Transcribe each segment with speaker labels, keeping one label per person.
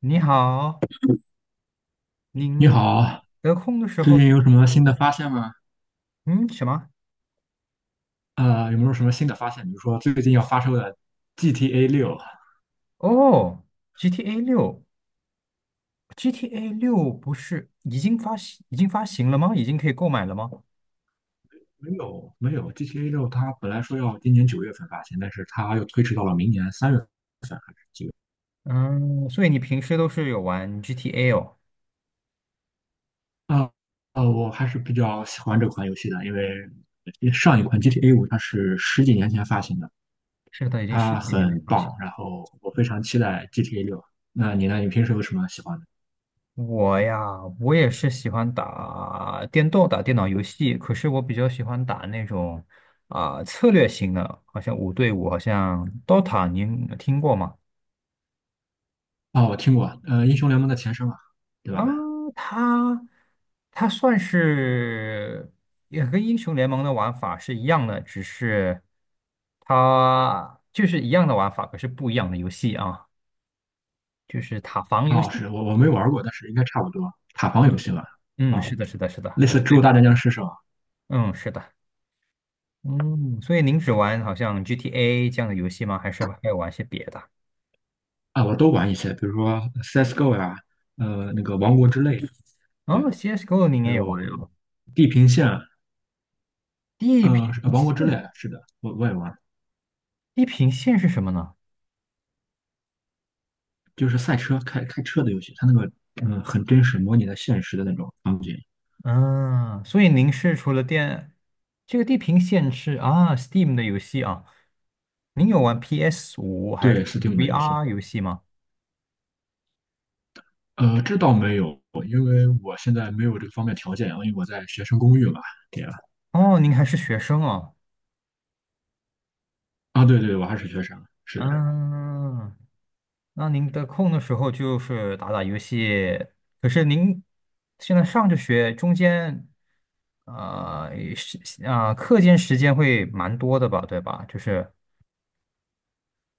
Speaker 1: 你好，
Speaker 2: 你
Speaker 1: 您
Speaker 2: 好，
Speaker 1: 得空的时
Speaker 2: 最
Speaker 1: 候
Speaker 2: 近有什么新的发现吗？
Speaker 1: 嗯，什么？
Speaker 2: 有没有什么新的发现？比如说最近要发售的 GTA 六，
Speaker 1: 哦，GTA 六，GTA 六不是已经发行，已经发行了吗？已经可以购买了吗？
Speaker 2: 没有没有，GTA 六它本来说要今年9月份发行，但是它又推迟到了明年三月
Speaker 1: 嗯，所以你平时都是有玩 GTA 哦？
Speaker 2: 份。我还是比较喜欢这款游戏的，因为上一款 GTA 五它是十几年前发行的，
Speaker 1: 是的，已经十
Speaker 2: 它
Speaker 1: 几年没
Speaker 2: 很
Speaker 1: 发行。
Speaker 2: 棒，然后我非常期待 GTA 六。那你呢？你平时有什么喜欢的？
Speaker 1: 我呀，我也是喜欢打电动、打电脑游戏，可是我比较喜欢打那种啊、策略型的，好像五对五，好像 Dota，您听过吗？
Speaker 2: 哦，我听过，英雄联盟的前身嘛，对
Speaker 1: 啊，
Speaker 2: 吧？
Speaker 1: 它它算是也跟英雄联盟的玩法是一样的，只是它就是一样的玩法，可是不一样的游戏啊，就是塔防游
Speaker 2: 哦，
Speaker 1: 戏。
Speaker 2: 是我没玩过，但是应该差不多。塔防游
Speaker 1: 嗯
Speaker 2: 戏吧。
Speaker 1: 嗯，
Speaker 2: 啊，
Speaker 1: 是的，是的，是的，
Speaker 2: 类
Speaker 1: 我
Speaker 2: 似《植物
Speaker 1: 会，
Speaker 2: 大战僵尸》是吧？
Speaker 1: 嗯，是的。嗯，所以您只玩好像 GTA 这样的游戏吗？还是还有玩些别的？
Speaker 2: 啊，我都玩一些，比如说 CS:GO 呀、那个《王国之泪》，对，
Speaker 1: 哦，CSGO 您
Speaker 2: 还
Speaker 1: 也有玩
Speaker 2: 有
Speaker 1: 啊？
Speaker 2: 《地平线》，
Speaker 1: 地
Speaker 2: 呃，
Speaker 1: 平
Speaker 2: 是呃王国之泪》
Speaker 1: 线，
Speaker 2: 是的，我也玩，
Speaker 1: 地平线是什么呢？
Speaker 2: 就是赛车开车的游戏，它那个很真实，模拟的现实的那种场景。
Speaker 1: 嗯，所以您是除了电这个《地平线》是啊，Steam 的游戏啊，您有玩 PS5还是
Speaker 2: 对，Steam 的游戏，
Speaker 1: VR 游戏吗？
Speaker 2: 这倒没有，因为我现在没有这个方面条件啊，因为我在学生公寓嘛，对吧？
Speaker 1: 哦，您还是学生哦。
Speaker 2: 啊，对对，我还是学生，是的。
Speaker 1: 嗯，那您得空的时候就是打打游戏。可是您现在上着学，中间是啊、课间时间会蛮多的吧，对吧？就是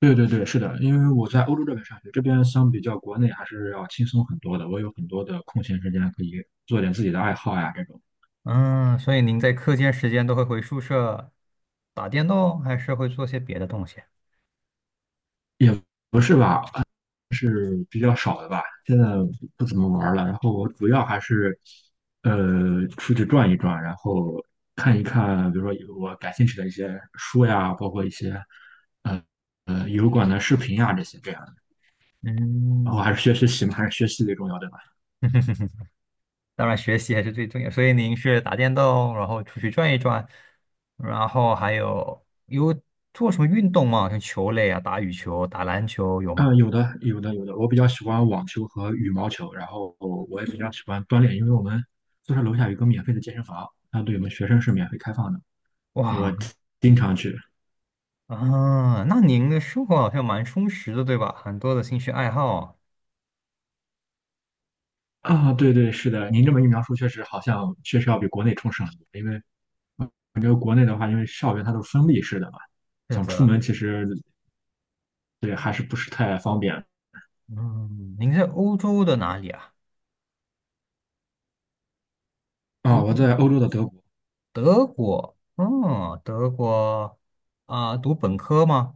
Speaker 2: 对对对，是的，因为我在欧洲这边上学，这边相比较国内还是要轻松很多的。我有很多的空闲时间可以做点自己的爱好呀，这种
Speaker 1: 嗯，所以您在课间时间都会回宿舍打电动，还是会做些别的东西？
Speaker 2: 也不是吧，是比较少的吧。现在不怎么玩了，然后我主要还是出去转一转，然后看一看，比如说有我感兴趣的一些书呀，包括一些呃油管的视频呀这些这样的。然
Speaker 1: 嗯，
Speaker 2: 后还是学习嘛，还是学习最重要对吧？
Speaker 1: 当然学习还是最重要。所以您是打电动，然后出去转一转，然后还有做什么运动吗？像球类啊，打羽球、打篮球有
Speaker 2: 嗯，
Speaker 1: 吗？
Speaker 2: 有的，有的，有的。我比较喜欢网球和羽毛球，然后我也比较喜欢锻炼，因为我们宿舍楼下有一个免费的健身房，它对我们学生是免费开放的，我
Speaker 1: 哇
Speaker 2: 经常去。
Speaker 1: 啊，那您的生活好像蛮充实的，对吧？很多的兴趣爱好。
Speaker 2: 啊，对对，是的，您这么一描述，确实好像确实要比国内充实很多，因为感觉国内的话，因为校园它都是封闭式的嘛，
Speaker 1: 是
Speaker 2: 想出
Speaker 1: 的。
Speaker 2: 门其实对还是不是太方便。
Speaker 1: 嗯，您在欧洲的哪里啊？欧
Speaker 2: 啊，我
Speaker 1: 洲，
Speaker 2: 在欧洲的德国，
Speaker 1: 德国。嗯，德国啊，读本科吗？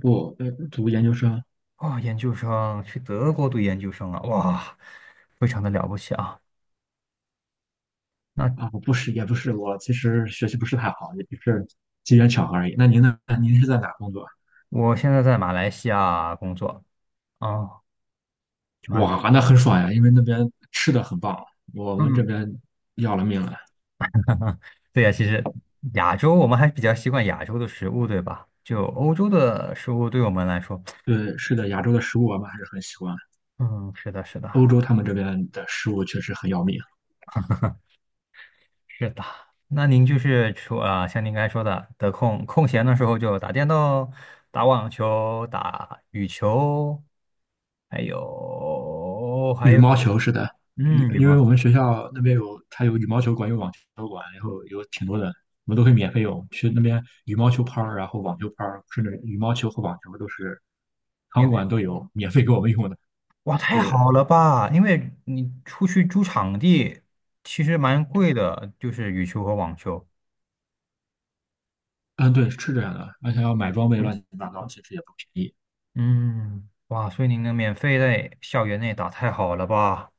Speaker 2: 不，读研究生，
Speaker 1: 哦，研究生，去德国读研究生啊，哇，非常的了不起啊。
Speaker 2: 啊，
Speaker 1: 那
Speaker 2: 不是，也不是，我其实学习不是太好，也就是机缘巧合而已。那您呢？您是在哪工作？
Speaker 1: 我现在在马来西亚工作。哦，马来，
Speaker 2: 哇，那很爽呀，因为那边吃的很棒，我们这
Speaker 1: 嗯，
Speaker 2: 边要了命了。
Speaker 1: 对呀，其实亚洲我们还比较习惯亚洲的食物，对吧？就欧洲的食物对我们来说，
Speaker 2: 对，是的，亚洲的食物我们还是很喜欢，
Speaker 1: 嗯，是的，是的，
Speaker 2: 欧洲他们这边的食物确实很要命。
Speaker 1: 是的。那您就是说啊，像您刚才说的，空闲的时候就打电动、打网球、打羽球，还有还
Speaker 2: 羽
Speaker 1: 有，
Speaker 2: 毛球是的，因
Speaker 1: 嗯，羽
Speaker 2: 因为
Speaker 1: 毛。
Speaker 2: 我们学校那边有，它有羽毛球馆，有网球馆，然后有挺多的，我们都会免费用。去那边羽毛球拍儿，然后网球拍儿，甚至羽毛球和网球都是场馆都有免费给我们用的。
Speaker 1: 哇，太
Speaker 2: 对，
Speaker 1: 好了吧！因为你出去租场地其实蛮贵的，就是羽球和网球。
Speaker 2: 嗯，对，是这样的，而且要买装备乱七八糟，其实也不便宜。
Speaker 1: 嗯，哇，所以您能免费在校园内打，太好了吧？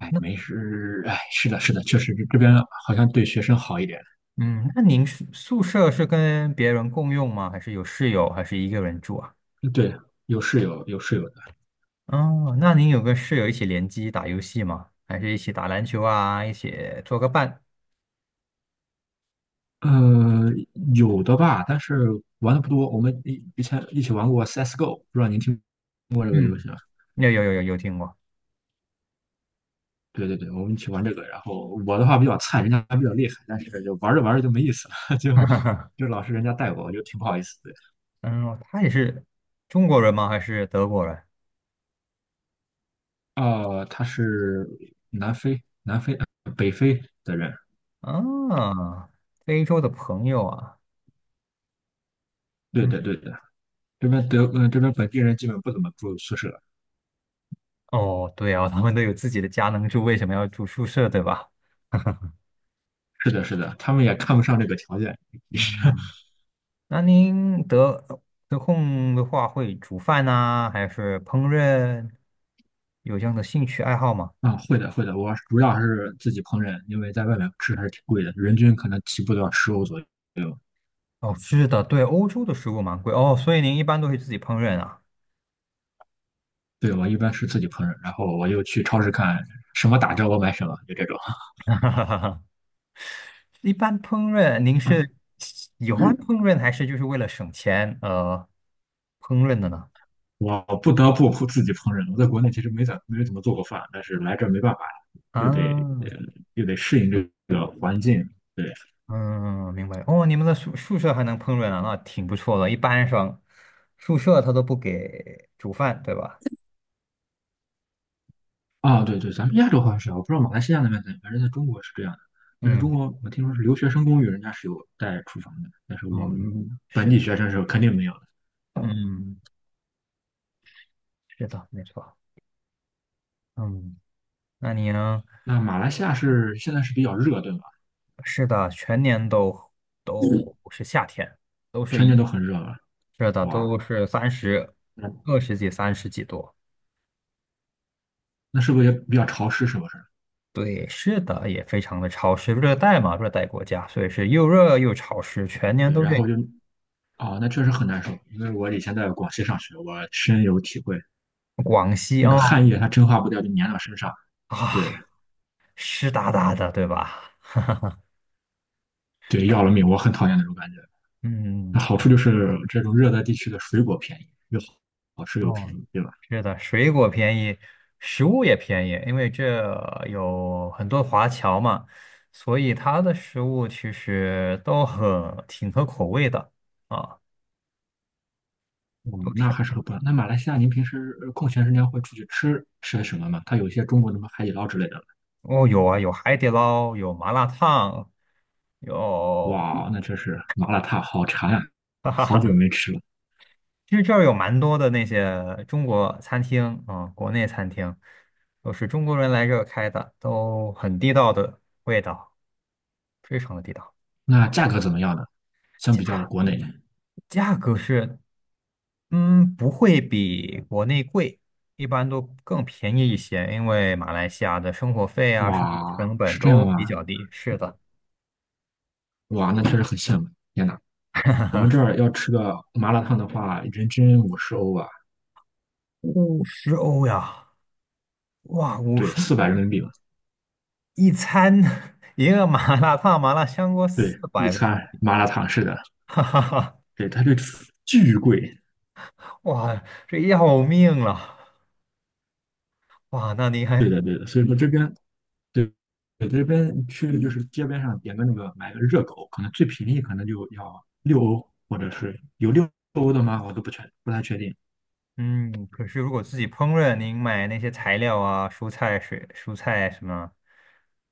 Speaker 2: 哎，
Speaker 1: 那
Speaker 2: 没事，哎，是的，是的，确实这边好像对学生好一点。
Speaker 1: 嗯，那您宿舍是跟别人共用吗？还是有室友，还是一个人住啊？
Speaker 2: 嗯对，有室友，有室友的，
Speaker 1: 哦，那您有跟室友一起联机打游戏吗？还是一起打篮球啊？一起做个伴？
Speaker 2: 呃，有的吧，但是玩的不多。我们以前一起玩过 CS:GO，不知道您听过这个游
Speaker 1: 嗯，
Speaker 2: 戏吗？
Speaker 1: 有有有有有听过。
Speaker 2: 对对对，我们一起玩这个。然后我的话比较菜，人家比较厉害，但是就玩着玩着就没意思了，就老是人家带我，我就挺不好意思的。
Speaker 1: 嗯，他也是中国人吗？还是德国人？
Speaker 2: 呃，他是南非、北非的人，
Speaker 1: 啊，非洲的朋友啊。
Speaker 2: 对
Speaker 1: 嗯。
Speaker 2: 对对对。这边本地人基本不怎么住宿舍。
Speaker 1: 哦，对啊，他们都有自己的家能住，为什么要住宿舍，对吧？
Speaker 2: 是的，是的，他们也看不上这个条件
Speaker 1: 嗯，那您得空的话会煮饭呐，还是烹饪？有这样的兴趣爱好吗？
Speaker 2: 啊。会的，会的，我主要还是自己烹饪，因为在外面吃还是挺贵的，人均可能起步都要十欧左右。
Speaker 1: 哦，是的，对，欧洲的食物蛮贵哦，所以您一般都会自己烹饪啊？
Speaker 2: 对，我一般是自己烹饪，然后我又去超市看什么打折我买什么，就这种。
Speaker 1: 一般烹饪，您是 喜欢烹饪还是就是为了省钱烹饪的呢？
Speaker 2: 我不得不自己烹饪。我在国内其实没怎么做过饭，但是来这儿没办法，又得呃
Speaker 1: 啊。
Speaker 2: 又得适应这个环境。对。
Speaker 1: 嗯，明白。哦，你们的宿舍还能烹饪啊，那挺不错的。一般上宿舍他都不给煮饭，对吧？
Speaker 2: 啊，对对，咱们亚洲好像是啊，我不知道马来西亚那边怎样，反正在中国是这样的。但是中
Speaker 1: 嗯
Speaker 2: 国我听说是留学生公寓，人家是有带厨房的，但是我们
Speaker 1: 嗯，
Speaker 2: 本
Speaker 1: 是
Speaker 2: 地
Speaker 1: 的，
Speaker 2: 学生是肯定没有的。
Speaker 1: 嗯，是的，没错。嗯，那你呢？
Speaker 2: 那马来西亚是现在是比较热，对吧？
Speaker 1: 是的，全年都是夏天，都是
Speaker 2: 全
Speaker 1: 一
Speaker 2: 年都
Speaker 1: 样。
Speaker 2: 很热了，
Speaker 1: 是的，
Speaker 2: 哇，
Speaker 1: 都是三十、
Speaker 2: 那
Speaker 1: 二十几、三十几度。
Speaker 2: 那是不是也比较潮湿？是不是？
Speaker 1: 对，是的，也非常的潮湿，热带嘛，热带国家，所以是又热又潮湿，全年
Speaker 2: 对，
Speaker 1: 都这
Speaker 2: 然
Speaker 1: 样。
Speaker 2: 后就啊，那确实很难受，因为我以前在广西上学，我深有体会，
Speaker 1: 广西
Speaker 2: 那个
Speaker 1: 啊。
Speaker 2: 汗液它蒸发不掉，就粘到身上，
Speaker 1: 啊，
Speaker 2: 对
Speaker 1: 湿哒哒的，对吧？
Speaker 2: 对，要了命，我很讨厌那种感觉。那
Speaker 1: 嗯。
Speaker 2: 好处就是这种热带地区的水果便宜，又好吃又便
Speaker 1: 哦，
Speaker 2: 宜，对吧？
Speaker 1: 是的，水果便宜，食物也便宜，因为这有很多华侨嘛，所以它的食物其实都很挺合口味的啊，
Speaker 2: 嗯，
Speaker 1: 都
Speaker 2: 那
Speaker 1: 挺。
Speaker 2: 还是很棒。那马来西亚，您平时空闲时间会出去吃些什么吗？它有一些中国的什么海底捞之类的。
Speaker 1: 哦，有啊，有海底捞，有麻辣烫，有
Speaker 2: 哇，那真是麻辣烫好馋啊，好久没吃了。
Speaker 1: 其实这儿有蛮多的那些中国餐厅啊，国内餐厅都是中国人来这儿开的，都很地道的味道，非常的地道。
Speaker 2: 那价格怎么样呢？相
Speaker 1: 价
Speaker 2: 比较国内，
Speaker 1: 价格是不会比国内贵，一般都更便宜一些，因为马来西亚的生活费啊、生活
Speaker 2: 哇，
Speaker 1: 成本
Speaker 2: 是这
Speaker 1: 都
Speaker 2: 样吗？
Speaker 1: 比较低。是的。
Speaker 2: 哇，那确实很羡慕。天呐，我们这儿要吃个麻辣烫的话，人均50欧啊，
Speaker 1: 五十欧呀，哇，五
Speaker 2: 对，
Speaker 1: 十
Speaker 2: 四百
Speaker 1: 欧
Speaker 2: 人民币吧。
Speaker 1: 一餐 一个麻辣烫、麻辣香锅四
Speaker 2: 对，一
Speaker 1: 百，
Speaker 2: 餐麻辣烫是的，
Speaker 1: 哈哈哈，
Speaker 2: 对，它这巨贵。
Speaker 1: 哇，这要命了，哇，那您
Speaker 2: 对的，
Speaker 1: 还。
Speaker 2: 对的，所以说这边对，对这边去就是街边上点个那个买个热狗，可能最便宜可能就要六欧，或者是有六欧的吗？我都不太确定，
Speaker 1: 嗯，可是如果自己烹饪，您买那些材料啊、蔬菜、水、蔬菜什么，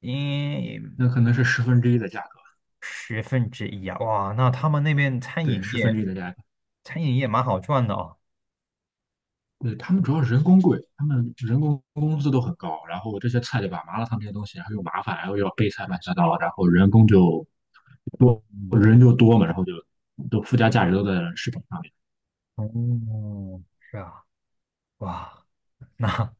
Speaker 1: 因。
Speaker 2: 那可能是十分之一的价格，
Speaker 1: 十分之一啊，哇，那他们那边餐
Speaker 2: 对，
Speaker 1: 饮
Speaker 2: 十分
Speaker 1: 业，
Speaker 2: 之一的价格。
Speaker 1: 餐饮业蛮好赚的哦。
Speaker 2: 对，他们主要人工贵，他们人工工资都很高，然后这些菜对吧，麻辣烫这些东西，还后又麻烦，然后又要备菜乱七八糟，然后人工就多，
Speaker 1: 嗯。
Speaker 2: 人就多嘛，然后就都附加价值都在食品上面。
Speaker 1: 哦，是啊，哇，那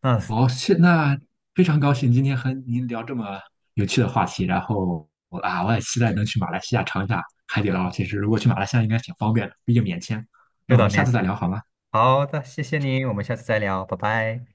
Speaker 1: 那是
Speaker 2: 哦，那非常高兴今天和您聊这么有趣的话题，然后我啊，我也期待能去马来西亚尝一下海底捞。其实如果去马来西亚应该挺方便的，毕竟免签。
Speaker 1: 有
Speaker 2: 那我
Speaker 1: 点
Speaker 2: 们下
Speaker 1: 面
Speaker 2: 次再
Speaker 1: 试。
Speaker 2: 聊好吗？
Speaker 1: 好的，谢谢你，我们下次再聊，拜拜。